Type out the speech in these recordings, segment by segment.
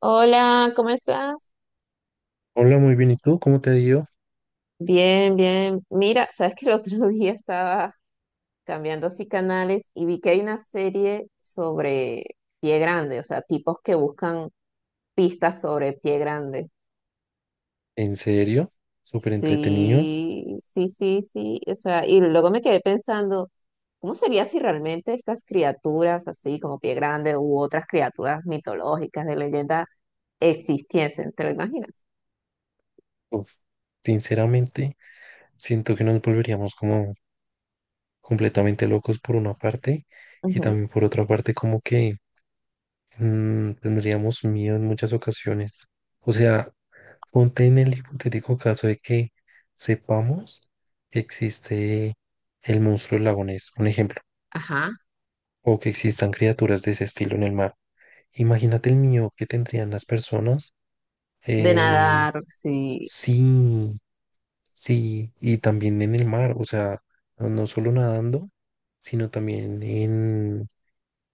Hola, ¿cómo estás? Hola, muy bien. ¿Y tú? ¿Cómo te ha ido? Bien, bien. Mira, sabes que el otro día estaba cambiando así canales y vi que hay una serie sobre pie grande, o sea, tipos que buscan pistas sobre pie grande. ¿En serio? Súper entretenido. Sí, sí, sí, sí. O sea, y luego me quedé pensando, ¿cómo sería si realmente estas criaturas así como pie grande u otras criaturas mitológicas de leyenda existiesen? ¿Te lo imaginas? Uf, sinceramente, siento que nos volveríamos como completamente locos por una parte y Ujú. también por otra parte como que tendríamos miedo en muchas ocasiones. O sea, ponte en el hipotético caso de que sepamos que existe el monstruo del lago Ness, un ejemplo, Ajá. o que existan criaturas de ese estilo en el mar. Imagínate el miedo que tendrían las personas. De eh, nadar, sí. sí, sí, y también en el mar, o sea, no solo nadando, sino también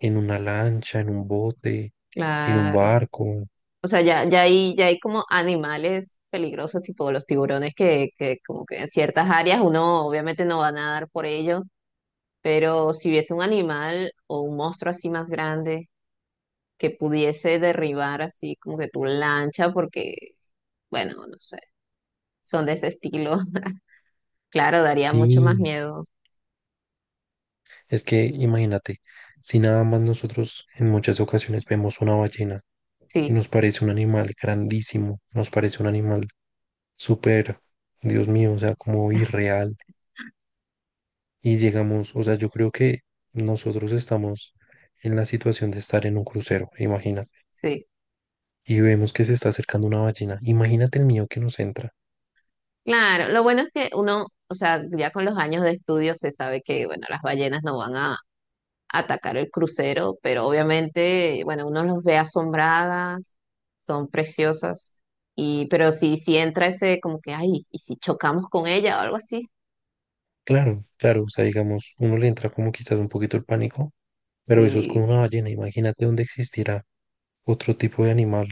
en una lancha, en un bote, en un Claro. barco. O sea, ya hay como animales peligrosos, tipo los tiburones, que como que en ciertas áreas uno obviamente no va a nadar por ellos, pero si hubiese un animal o un monstruo así más grande que pudiese derribar así como que tu lancha, porque, bueno, no sé, son de ese estilo, claro, daría mucho más Sí, miedo. es que imagínate, si nada más nosotros en muchas ocasiones vemos una ballena y Sí, nos parece un animal grandísimo, nos parece un animal súper, Dios mío, o sea, como irreal. Y llegamos, o sea, yo creo que nosotros estamos en la situación de estar en un crucero, imagínate, sí. y vemos que se está acercando una ballena, imagínate el miedo que nos entra. Claro, lo bueno es que uno, o sea, ya con los años de estudio se sabe que, bueno, las ballenas no van a atacar el crucero, pero obviamente, bueno, uno los ve asombradas, son preciosas, y pero si entra ese como que, ay, ¿y si chocamos con ella o algo así? Claro, claro, o sea, digamos, uno le entra como quizás un poquito el pánico, pero eso es Sí, con una ballena, imagínate dónde existirá otro tipo de animal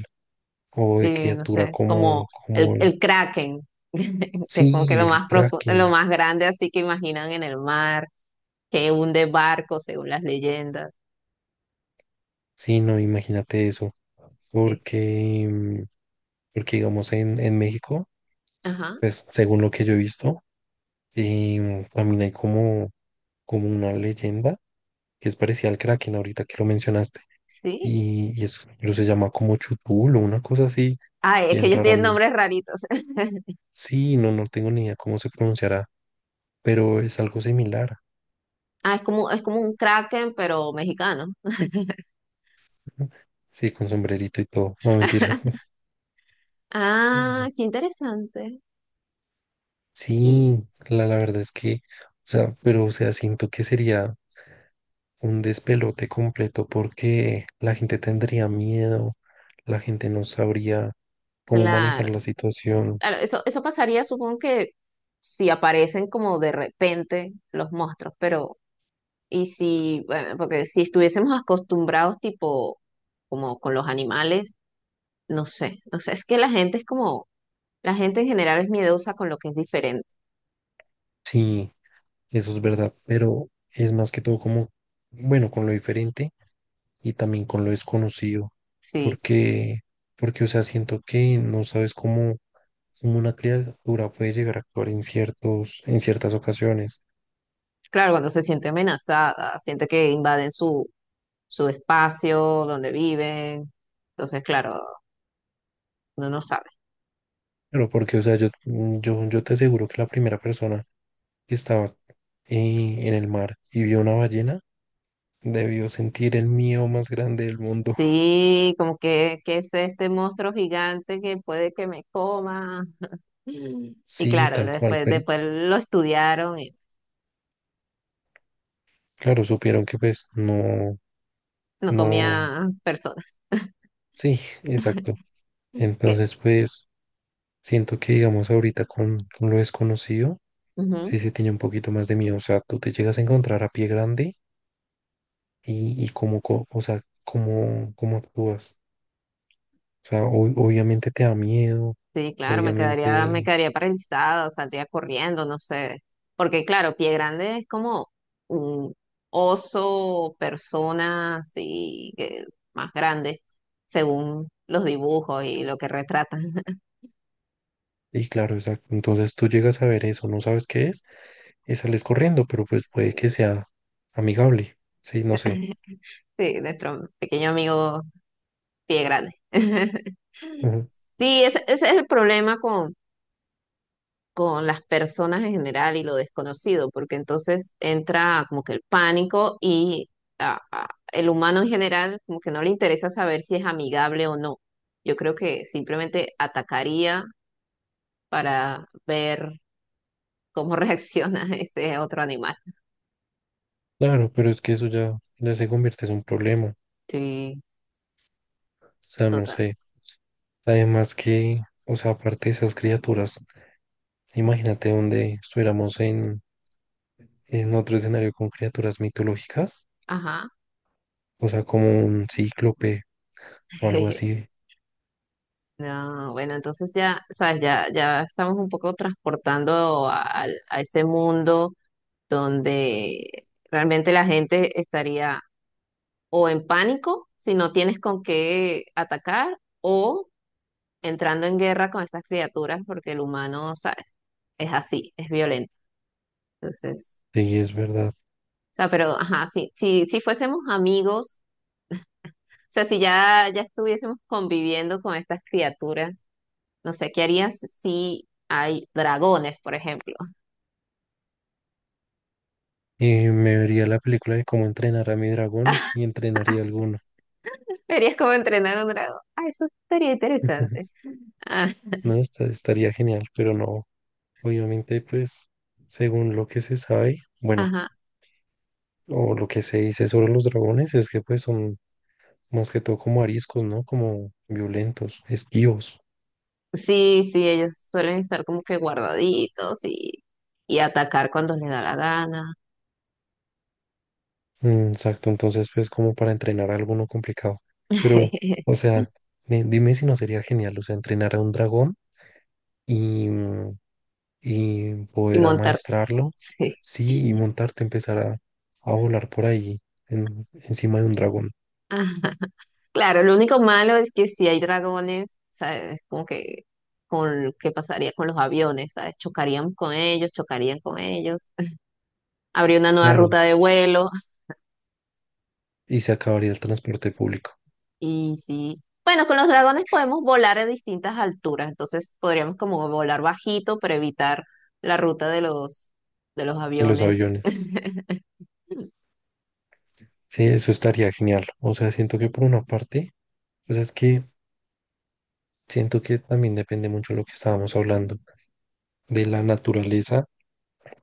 o de sí, no criatura sé, como el, el Kraken, que es como que sí, lo el más lo kraken, más grande así que imaginan en el mar, que hunde barcos según las leyendas. sí, no, imagínate eso, Eh, porque, porque digamos en México, ajá, pues según lo que yo he visto, y también hay como, como una leyenda que es parecida al Kraken ahorita que lo mencionaste. sí. Y es, pero se llama como Chutul o una cosa así, Ay, es que bien ellos rara. tienen ¿No? nombres raritos. Sí, no, no tengo ni idea cómo se pronunciará, pero es algo similar. Ah, es como un Kraken, pero mexicano. ¿No? Sí, con sombrerito y todo. No, mentiras. Ah, qué interesante. Y Sí, la verdad es que, o sea, pero o sea, siento que sería un despelote completo porque la gente tendría miedo, la gente no sabría cómo claro, manejar la situación. claro, eso pasaría, supongo que si aparecen como de repente los monstruos, pero y si, bueno, porque si estuviésemos acostumbrados tipo como con los animales, no sé, no sé, es que la gente es como, la gente en general es miedosa con lo que es diferente. Sí, eso es verdad, pero es más que todo como, bueno, con lo diferente y también con lo desconocido, Sí, porque, porque, o sea, siento que no sabes cómo, cómo una criatura puede llegar a actuar en en ciertas ocasiones. claro, cuando se siente amenazada, siente que invaden su espacio donde viven, entonces claro, uno no sabe. Pero porque, o sea, yo te aseguro que la primera persona que estaba en el mar y vio una ballena, debió sentir el miedo más grande del mundo. Sí, como que es este monstruo gigante que puede que me coma. Y Sí, claro, tal cual, pero después lo estudiaron y claro, supieron que pues no, no no, comía personas. sí, exacto. Que, Entonces, pues siento que digamos ahorita con lo desconocido, ujú. sí se tiene un poquito más de miedo. O sea, tú te llegas a encontrar a pie grande y cómo, o sea, cómo, cómo actúas. O sea, obviamente te da miedo, Sí, claro, me obviamente. quedaría paralizada, saldría corriendo, no sé. Porque claro, Pie Grande es como un oso, persona así, que más grande, según los dibujos y lo que retratan. Y claro, exacto. Entonces tú llegas a ver eso, no sabes qué es, y sales corriendo, pero pues puede que Sí, sea amigable. Sí, no sé. sí, nuestro pequeño amigo Pie grande. Ujú. Sí, ese es el problema con las personas en general y lo desconocido, porque entonces entra como que el pánico y el humano en general como que no le interesa saber si es amigable o no. Yo creo que simplemente atacaría para ver cómo reacciona ese otro animal. Claro, pero es que eso ya, ya se convierte en un problema. O Sí, sea, no total. sé. Además que, o sea, aparte de esas criaturas, imagínate donde estuviéramos en otro escenario con criaturas mitológicas, Ajá. o sea, como un cíclope o algo así. No, bueno, entonces ya, sabes, ya, ya estamos un poco transportando a ese mundo donde realmente la gente estaría o en pánico si no tienes con qué atacar o entrando en guerra con estas criaturas porque el humano, ¿sabes? Es así, es violento. Entonces, Sí, es verdad. o sea, pero ajá, sí, si, si fuésemos amigos, o sea, si ya estuviésemos conviviendo con estas criaturas, no sé, ¿qué harías si hay dragones, por ejemplo? Y me vería la película de cómo entrenar a mi dragón y entrenaría alguno. Verías cómo entrenar a un dragón. Ah, eso estaría interesante. Ah, No, estaría genial, pero no, obviamente, pues, según lo que se sabe, bueno, ajá. o lo que se dice sobre los dragones es que pues son más que todo como ariscos, ¿no? Como violentos, esquivos. Sí, sí, ellos suelen estar como que guardaditos y atacar cuando les da la gana Mm, exacto, entonces pues como para entrenar a alguno complicado. Pero, o sea, dime si no sería genial, o sea, entrenar a un dragón y, y y poder montarte. amaestrarlo, Sí. sí, y montarte, empezar a volar por ahí, encima de un dragón. Ah, claro, lo único malo es que si hay dragones, ¿sabes? Es como que con qué pasaría con los aviones, ¿sabes? Chocarían con ellos, chocarían con ellos. Habría una nueva Claro. ruta de vuelo. Y se acabaría el transporte público Y sí, bueno, con los dragones podemos volar a distintas alturas, entonces podríamos como volar bajito para evitar la ruta de de los en los aviones. aviones. Sí, eso estaría genial. O sea, siento que por una parte, pues es que siento que también depende mucho de lo que estábamos hablando, de la naturaleza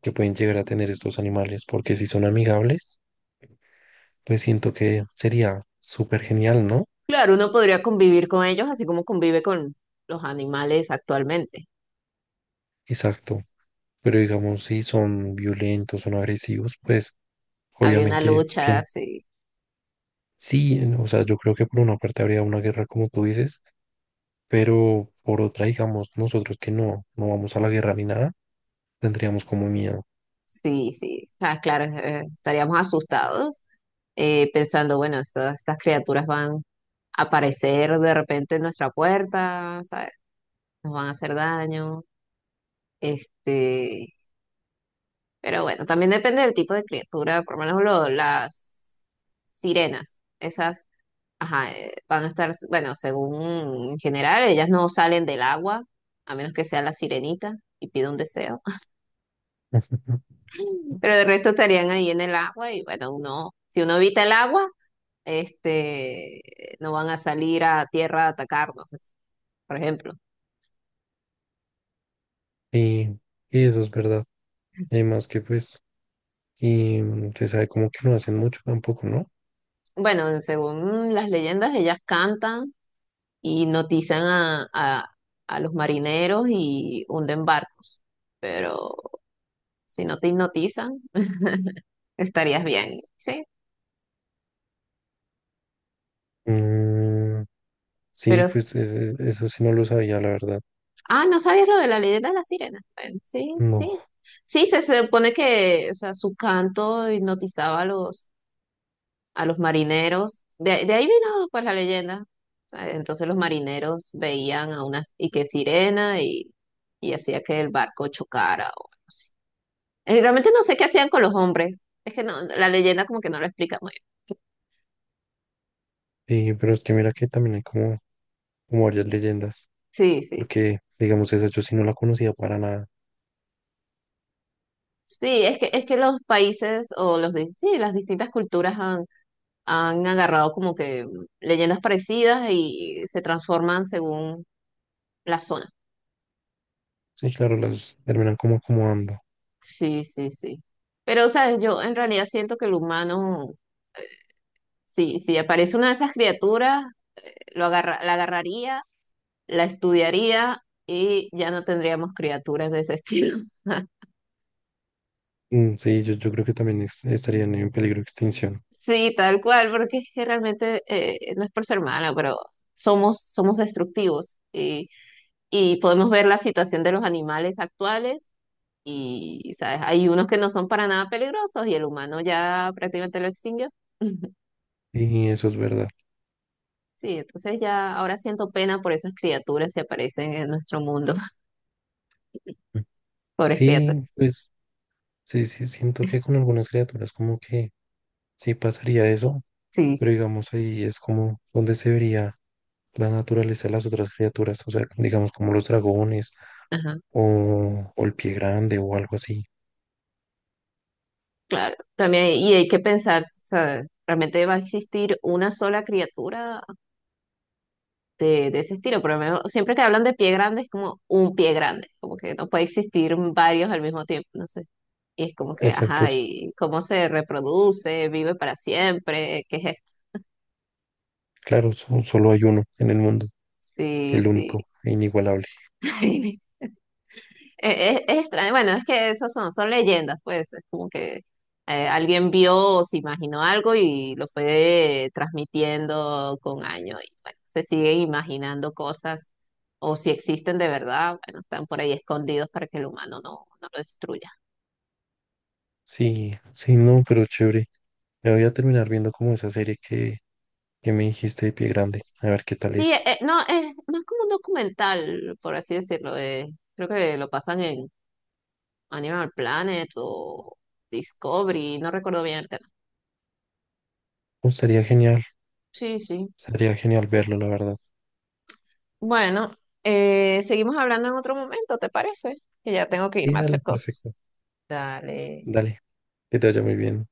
que pueden llegar a tener estos animales, porque si son amigables, pues siento que sería súper genial, ¿no? Claro, uno podría convivir con ellos así como convive con los animales actualmente. Exacto. Pero digamos, si son violentos, son agresivos, pues Habría una obviamente, lucha, ¿quién? sí, Sí, o sea, yo creo que por una parte habría una guerra, como tú dices, pero por otra, digamos, nosotros que no, no vamos a la guerra ni nada, tendríamos como miedo. sí, sí. O sea, claro, estaríamos asustados pensando, bueno, estas estas criaturas van a aparecer de repente en nuestra puerta, ¿sabes? Nos van a hacer daño. Este, Pero bueno, también depende del tipo de criatura, por lo menos las sirenas, esas, ajá, van a estar, bueno, según en general, ellas no salen del agua, a menos que sea la sirenita y pida un deseo, pero de resto estarían ahí en el agua y bueno, uno, si uno evita el agua, este, no van a salir a tierra a atacarnos, por ejemplo. Y, y eso es verdad. Además que pues, y se sabe como que no hacen mucho tampoco, ¿no? Bueno, según las leyendas, ellas cantan y notizan a los marineros y hunden barcos. Pero si no te hipnotizan, estarías bien, ¿sí? Mm, Pero, sí, pues eso sí no lo sabía, la verdad. ¿No sabías lo de la leyenda de la sirena? Bueno, sí, No. sí. Sí, se supone que, o sea, su canto hipnotizaba a a los marineros. De ahí vino, pues, la leyenda. Entonces los marineros veían a una, y que sirena y hacía que el barco chocara o algo así. Realmente no sé qué hacían con los hombres. Es que no, la leyenda como que no lo explica muy bien. Sí, pero es que mira que también hay como, como varias leyendas. Sí, sí. Porque, digamos, esa yo sí no la conocía para nada. Sí, es que los países o los sí, las distintas culturas han, han agarrado como que leyendas parecidas y se transforman según la zona. Sí, claro, las terminan como acomodando. Sí, sí, sí. Pero, ¿sabes? Yo en realidad siento que el humano, sí, si aparece una de esas criaturas, la agarraría, la estudiaría y ya no tendríamos criaturas de ese estilo. Mm, sí, yo creo que también estarían en peligro de extinción. Sí, tal cual, porque es que realmente no es por ser mala, pero somos, somos destructivos y podemos ver la situación de los animales actuales y, ¿sabes? Hay unos que no son para nada peligrosos y el humano ya prácticamente lo extinguió. Y eso es verdad. Sí, entonces ya ahora siento pena por esas criaturas que aparecen en nuestro mundo, Mm. pobres Sí, criaturas. pues sí, sí, siento que con algunas criaturas como que sí pasaría eso, Sí, pero digamos ahí es como donde se vería la naturaleza de las otras criaturas, o sea, digamos como los dragones ajá, o el pie grande o algo así. claro. También, y hay que pensar, ¿sabes? ¿Realmente va a existir una sola criatura de ese estilo, pero al menos siempre que hablan de pie grande es como un pie grande, como que no puede existir varios al mismo tiempo, no sé. Y es como que, ajá, Exactos, ¿y cómo se reproduce? ¿Vive para siempre? ¿Qué es esto? claro, solo hay uno en el mundo, Sí, el sí. único e inigualable. Es extraño, bueno, es que esos son, son leyendas, pues, es como que alguien vio o se imaginó algo y lo fue transmitiendo con años y bueno, se siguen imaginando cosas o si existen de verdad, bueno, están por ahí escondidos para que el humano no, no lo destruya. Sí, sí, no, pero chévere. Me voy a terminar viendo como esa serie que me dijiste de Pie Grande. A ver qué tal Sí, es. No, es más como un documental, por así decirlo, creo que lo pasan en Animal Planet o Discovery, no recuerdo bien el canal. Oh, Sí, sí. estaría genial verlo, la verdad. Bueno, seguimos hablando en otro momento, ¿te parece? Que ya tengo que Sí, irme a dale, hacer cosas. perfecto. Dale. Dale, que te vaya muy bien.